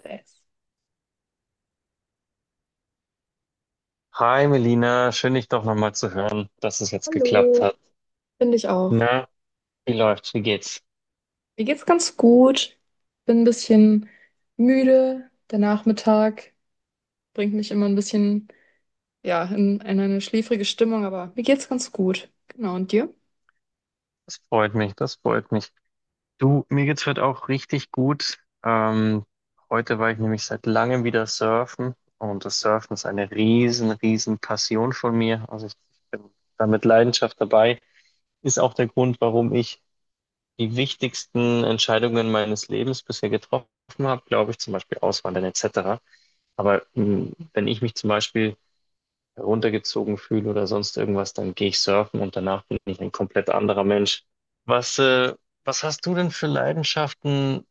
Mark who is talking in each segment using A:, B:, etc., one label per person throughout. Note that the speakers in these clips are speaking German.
A: Stress.
B: Hi Melina, schön dich doch nochmal zu hören, dass es jetzt geklappt
A: Hallo.
B: hat.
A: Finde ich auch.
B: Na, wie läuft's? Wie geht's?
A: Mir geht's ganz gut. Bin ein bisschen müde. Der Nachmittag bringt mich immer ein bisschen, ja, in eine schläfrige Stimmung, aber mir geht's ganz gut. Genau, und dir?
B: Das freut mich, das freut mich. Du, mir geht's heute auch richtig gut. Ähm, heute war ich nämlich seit langem wieder surfen, und das Surfen ist eine riesen, riesen Passion von mir. Also ich bin da mit Leidenschaft dabei. Ist auch der Grund, warum ich die wichtigsten Entscheidungen meines Lebens bisher getroffen habe, glaube ich, zum Beispiel Auswandern etc. Aber mh, wenn ich mich zum Beispiel runtergezogen fühle oder sonst irgendwas, dann gehe ich surfen und danach bin ich ein komplett anderer Mensch. Was, äh, was hast du denn für Leidenschaften,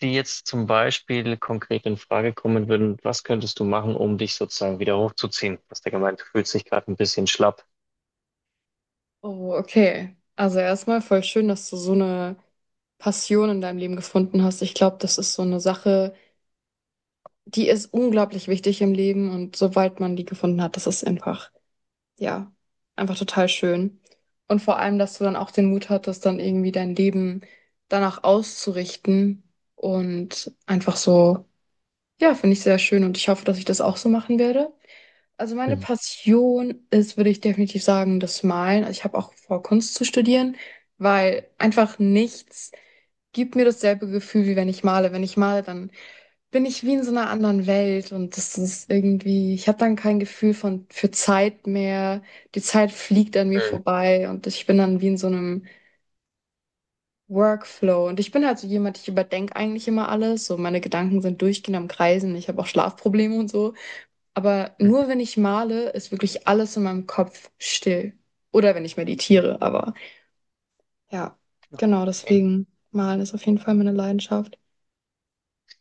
B: die jetzt zum Beispiel konkret in Frage kommen würden? Was könntest du machen, um dich sozusagen wieder hochzuziehen? Du hast ja gemeint, du fühlst dich gerade ein bisschen schlapp.
A: Oh, okay. Also erstmal voll schön, dass du so eine Passion in deinem Leben gefunden hast. Ich glaube, das ist so eine Sache, die ist unglaublich wichtig im Leben und sobald man die gefunden hat, das ist einfach ja, einfach total schön. Und vor allem, dass du dann auch den Mut hattest, dann irgendwie dein Leben danach auszurichten und einfach so, ja, finde ich sehr schön und ich hoffe, dass ich das auch so machen werde. Also meine
B: Mhm.
A: Passion ist, würde ich definitiv sagen, das Malen. Also ich habe auch vor, Kunst zu studieren, weil einfach nichts gibt mir dasselbe Gefühl, wie wenn ich male. Wenn ich male, dann bin ich wie in so einer anderen Welt und das ist irgendwie, ich habe dann kein Gefühl von für Zeit mehr. Die Zeit fliegt an mir
B: Mhm.
A: vorbei und ich bin dann wie in so einem Workflow. Und ich bin halt so jemand, ich überdenke eigentlich immer alles. So meine Gedanken sind durchgehend am Kreisen. Ich habe auch Schlafprobleme und so. Aber
B: Mhm.
A: nur wenn ich male, ist wirklich alles in meinem Kopf still. Oder wenn ich meditiere, aber ja, genau
B: Okay.
A: deswegen malen ist auf jeden Fall meine Leidenschaft.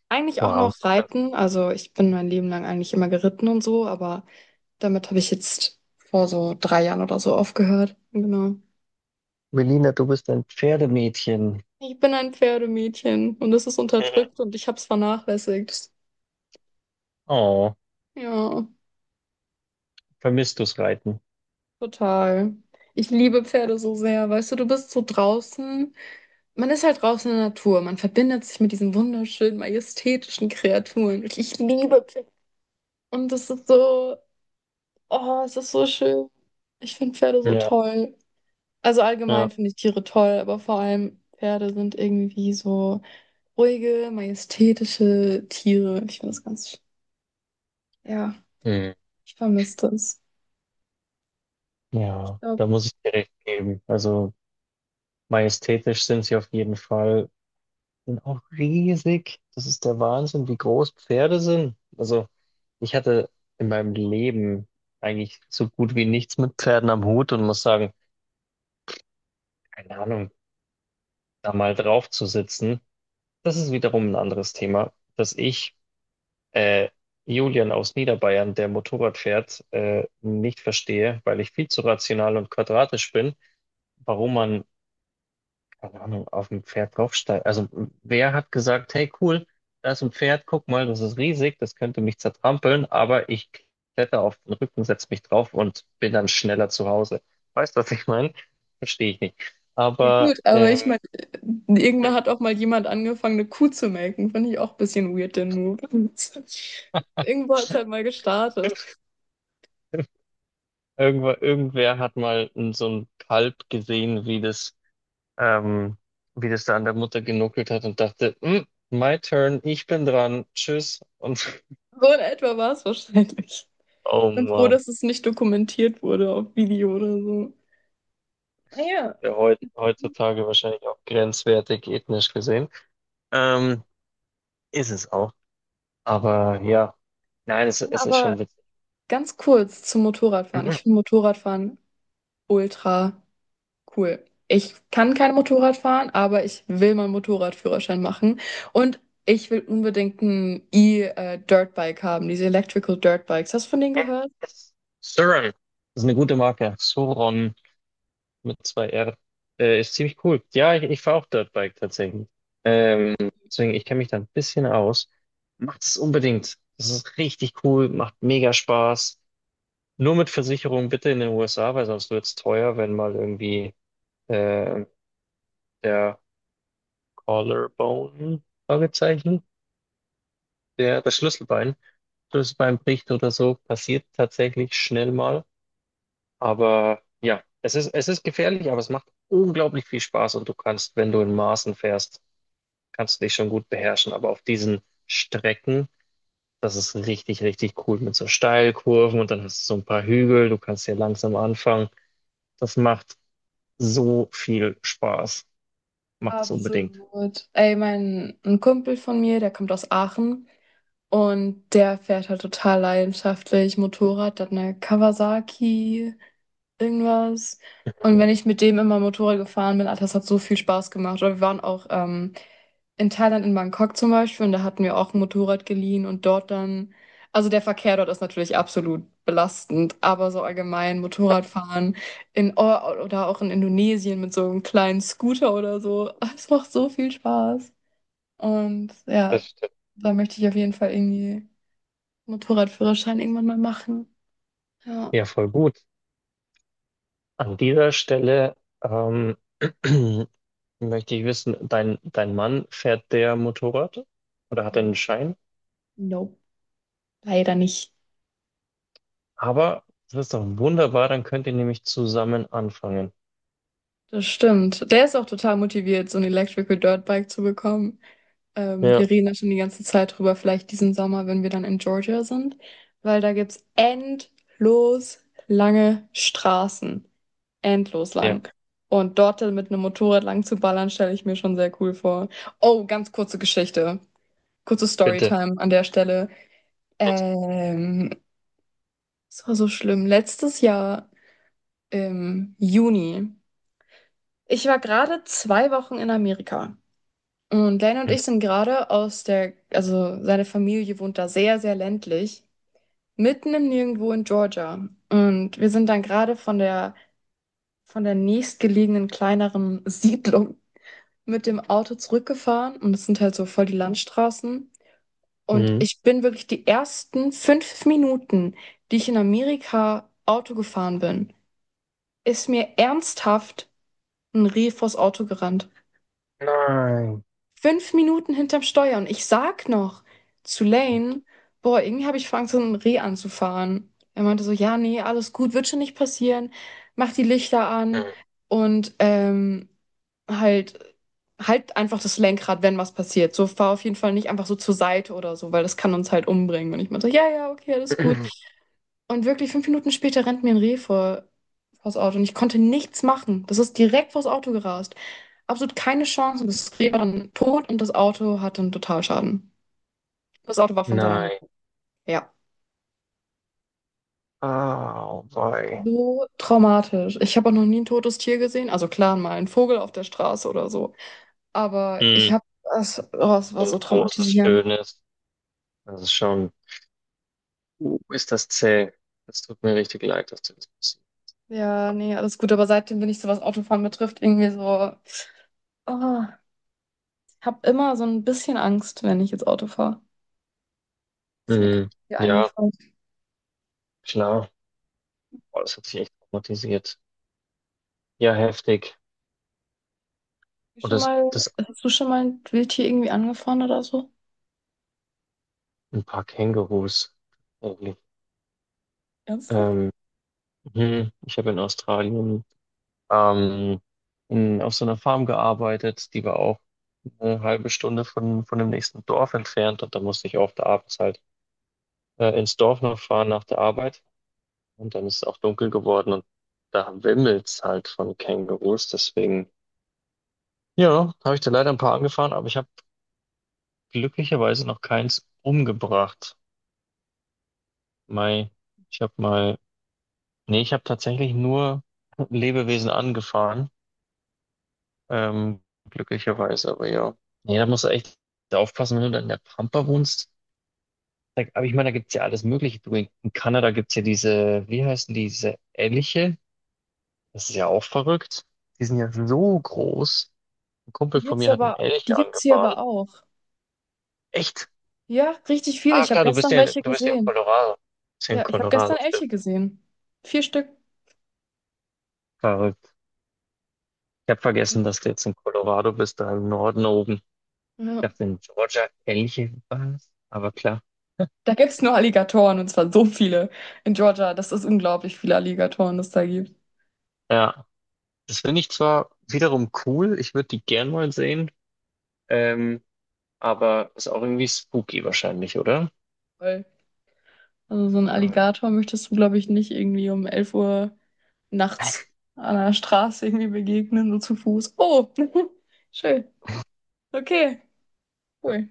A: Eigentlich auch
B: Wow,
A: noch
B: super.
A: Reiten, also ich bin mein Leben lang eigentlich immer geritten und so, aber damit habe ich jetzt vor so 3 Jahren oder so aufgehört. Genau.
B: Melina, du bist ein Pferdemädchen.
A: Ich bin ein Pferdemädchen und es ist
B: Mhm.
A: unterdrückt und ich habe es vernachlässigt.
B: Oh,
A: Ja,
B: vermisst du's Reiten?
A: total. Ich liebe Pferde so sehr. Weißt du, du bist so draußen. Man ist halt draußen in der Natur. Man verbindet sich mit diesen wunderschönen, majestätischen Kreaturen. Ich liebe Pferde. Und das ist so, oh, es ist so schön. Ich finde Pferde so
B: Ja,
A: toll. Also
B: ja.
A: allgemein finde ich Tiere toll, aber vor allem Pferde sind irgendwie so ruhige, majestätische Tiere. Ich finde das ganz, ja,
B: Mhm.
A: ich vermisse das. Ich
B: Ja,
A: glaube,
B: da muss ich dir recht geben. Also majestätisch sind sie auf jeden Fall und auch riesig. Das ist der Wahnsinn, wie groß Pferde sind. Also ich hatte in meinem Leben eigentlich so gut wie nichts mit Pferden am Hut und muss sagen, keine Ahnung, da mal drauf zu sitzen, das ist wiederum ein anderes Thema, dass ich äh, Julian aus Niederbayern, der Motorrad fährt, nicht verstehe, weil ich viel zu rational und quadratisch bin, warum man, keine Ahnung, auf ein Pferd draufsteigen. Also wer hat gesagt: hey cool, da ist ein Pferd, guck mal, das ist riesig, das könnte mich zertrampeln, aber ich kletter auf den Rücken, setze mich drauf und bin dann schneller zu Hause. Weißt du, was ich meine? Verstehe ich nicht.
A: ja
B: Aber
A: gut, aber ich meine, irgendwann hat auch mal jemand angefangen, eine Kuh zu melken. Finde ich auch ein bisschen weird, den Move. Irgendwo hat es halt mal gestartet.
B: irgendwer hat mal so ein Kalb gesehen, ähm, wie das da an der Mutter genuckelt hat und dachte: "Mm, my turn, ich bin dran, tschüss." Und
A: So in etwa war es wahrscheinlich.
B: oh
A: Bin froh,
B: Mann.
A: dass es nicht dokumentiert wurde auf Video oder so. Naja,
B: Ja heutzutage wahrscheinlich auch grenzwertig ethnisch gesehen. Ähm, ist es auch. Aber ja, nein, es ist
A: aber
B: schon witzig.
A: ganz kurz zum Motorradfahren.
B: Mhm.
A: Ich finde Motorradfahren ultra cool. Ich kann kein Motorrad fahren, aber ich will meinen Motorradführerschein machen. Und ich will unbedingt ein E-Dirtbike haben, diese Electrical Dirtbikes. Hast du von denen gehört?
B: Suron, das ist eine gute Marke. Suron mit zwei R. Ist ziemlich cool. Ja, ich fahre auch Dirtbike tatsächlich. Ähm, deswegen, ich kenne mich da ein bisschen aus. Macht es unbedingt. Das ist richtig cool, macht mega Spaß. Nur mit Versicherung bitte in den USA, weil sonst wird es teuer, wenn mal irgendwie äh, der Collarbone, Fragezeichen, das Schlüsselbein, Schlüsselbein bricht oder so, passiert tatsächlich schnell mal. Aber ja, es ist gefährlich, aber es macht unglaublich viel Spaß, und du kannst, wenn du in Maßen fährst, kannst du dich schon gut beherrschen. Aber auf diesen Strecken, das ist richtig, richtig cool mit so Steilkurven, und dann hast du so ein paar Hügel, du kannst hier langsam anfangen. Das macht so viel Spaß. Macht es unbedingt.
A: Absolut. Ey, mein ein Kumpel von mir, der kommt aus Aachen und der fährt halt total leidenschaftlich Motorrad, der hat eine Kawasaki, irgendwas. Und wenn ich mit dem immer Motorrad gefahren bin, Alter, das hat so viel Spaß gemacht. Oder wir waren auch in Thailand, in Bangkok zum Beispiel, und da hatten wir auch ein Motorrad geliehen und dort dann, also der Verkehr dort ist natürlich absolut belastend, aber so allgemein Motorradfahren. In o Oder auch in Indonesien mit so einem kleinen Scooter oder so. Es macht so viel Spaß. Und
B: Das
A: ja,
B: stimmt.
A: da möchte ich auf jeden Fall irgendwie Motorradführerschein irgendwann mal machen. Ja.
B: Ja, voll gut. An dieser Stelle ähm, möchte ich wissen, dein Mann, fährt der Motorrad oder hat er einen Schein?
A: Nope, leider nicht.
B: Aber das ist doch wunderbar, dann könnt ihr nämlich zusammen anfangen.
A: Das stimmt. Der ist auch total motiviert, so 'n Electrical Dirtbike zu bekommen.
B: Ja,
A: Wir reden da schon die ganze Zeit drüber, vielleicht diesen Sommer, wenn wir dann in Georgia sind, weil da gibt's endlos lange Straßen. Endlos
B: ja,
A: lang. Und dort dann mit einem Motorrad lang zu ballern, stelle ich mir schon sehr cool vor. Oh, ganz kurze Geschichte. Kurze
B: bitte.
A: Storytime an der Stelle.
B: Bitte.
A: Ähm, Es war so schlimm. Letztes Jahr im Juni. Ich war gerade 2 Wochen in Amerika. Und Lane und
B: Mhm.
A: ich sind gerade aus der, also seine Familie wohnt da sehr, sehr ländlich, mitten im Nirgendwo in Georgia. Und wir sind dann gerade von der nächstgelegenen kleineren Siedlung mit dem Auto zurückgefahren und das sind halt so voll die Landstraßen. Und
B: Mhm.
A: ich bin wirklich die ersten 5 Minuten, die ich in Amerika Auto gefahren bin, ist mir ernsthaft ein Reh vors Auto gerannt.
B: Nein.
A: Fünf Minuten hinterm Steuer und ich sag noch zu Lane, boah, irgendwie habe ich vor Angst, so ein Reh anzufahren. Er meinte so, ja, nee, alles gut, wird schon nicht passieren. Mach die Lichter an
B: Mhm.
A: und halt, halt einfach das Lenkrad, wenn was passiert. So fahr auf jeden Fall nicht einfach so zur Seite oder so, weil das kann uns halt umbringen. Und ich meinte so, ja, ja, okay, alles gut. Und wirklich 5 Minuten später rennt mir ein Reh vors Auto und ich konnte nichts machen. Das ist direkt vors Auto gerast. Absolut keine Chance. Und das Reh war dann tot und das Auto hatte einen Totalschaden. Das Auto war von seiner
B: Nein.
A: Mutter. Ja.
B: Ah, wei.
A: So traumatisch. Ich habe auch noch nie ein totes Tier gesehen. Also klar, mal ein Vogel auf der Straße oder so. Aber ich
B: Mhm.
A: habe, es, oh, es war
B: So ein
A: so
B: großes,
A: traumatisierend.
B: schönes. Das ist schon. Ist das zäh. Das tut mir richtig leid, dass du das passiert. Oh,
A: Ja,
B: wei.
A: nee, alles gut. Aber seitdem bin ich so, was Autofahren betrifft, irgendwie so, oh, ich habe immer so ein bisschen Angst, wenn ich jetzt Auto fahre. Ist mir gerade
B: Mhm.
A: hier
B: Ja,
A: eingefallen.
B: klar. Boah, das hat sich echt traumatisiert. Ja, heftig. Und das
A: Hast du schon mal ein Wildtier irgendwie angefahren oder so?
B: ein paar Kängurus. Irgendwie.
A: Ernsthaft?
B: Ähm, hm, ich habe in Australien, ähm, in, auf so einer Farm gearbeitet, die war auch eine halbe Stunde von dem nächsten Dorf entfernt, und da musste ich oft abends halt, ins Dorf noch fahren nach der Arbeit, und dann ist es auch dunkel geworden, und da wimmelt's halt von Kängurus, deswegen ja, habe ich da leider ein paar angefahren, aber ich habe glücklicherweise noch keins umgebracht. Mei, ich habe mal, nee, ich habe tatsächlich nur Lebewesen angefahren, ähm, glücklicherweise, aber ja. Nee, da musst du echt aufpassen, wenn du dann in der Pampa wohnst. Da, aber ich meine, da gibt's ja alles Mögliche. Du, in Kanada gibt's ja diese, wie heißen die, diese Elche? Das ist ja auch verrückt. Die sind ja so groß. Ein Kumpel
A: Die
B: von
A: gibt's
B: mir hat einen
A: aber, die
B: Elch
A: gibt's hier
B: angefahren.
A: aber auch.
B: Echt?
A: Ja, richtig viele.
B: Ah,
A: Ich habe
B: klar,
A: gestern welche
B: du bist ja in
A: gesehen.
B: Colorado. Du bist ja in
A: Ja, ich habe gestern
B: Colorado,
A: Elche
B: stimmt.
A: gesehen. 4 Stück.
B: Verrückt. Ich habe vergessen, dass du jetzt in Colorado bist, da im Norden oben. Ich
A: Ja.
B: dachte, in Georgia ähnliche was, aber klar.
A: Da gibt's nur Alligatoren und zwar so viele in Georgia. Das ist unglaublich viele Alligatoren, das da gibt.
B: Ja, das finde ich zwar wiederum cool, ich würde die gern mal sehen, ähm, aber ist auch irgendwie spooky wahrscheinlich, oder?
A: Voll. Also so einen
B: Aber-
A: Alligator möchtest du, glaube ich, nicht irgendwie um 11 Uhr nachts an der Straße irgendwie begegnen, so zu Fuß. Oh, schön. Okay. Cool.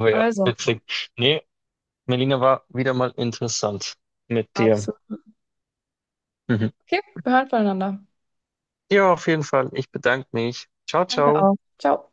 B: Oh ja,
A: Also,
B: witzig. Nee, Melina, war wieder mal interessant mit dir.
A: absolut.
B: Mhm.
A: Okay, wir hören voneinander.
B: Ja, auf jeden Fall. Ich bedanke mich. Ciao,
A: Danke
B: ciao.
A: auch. Ciao.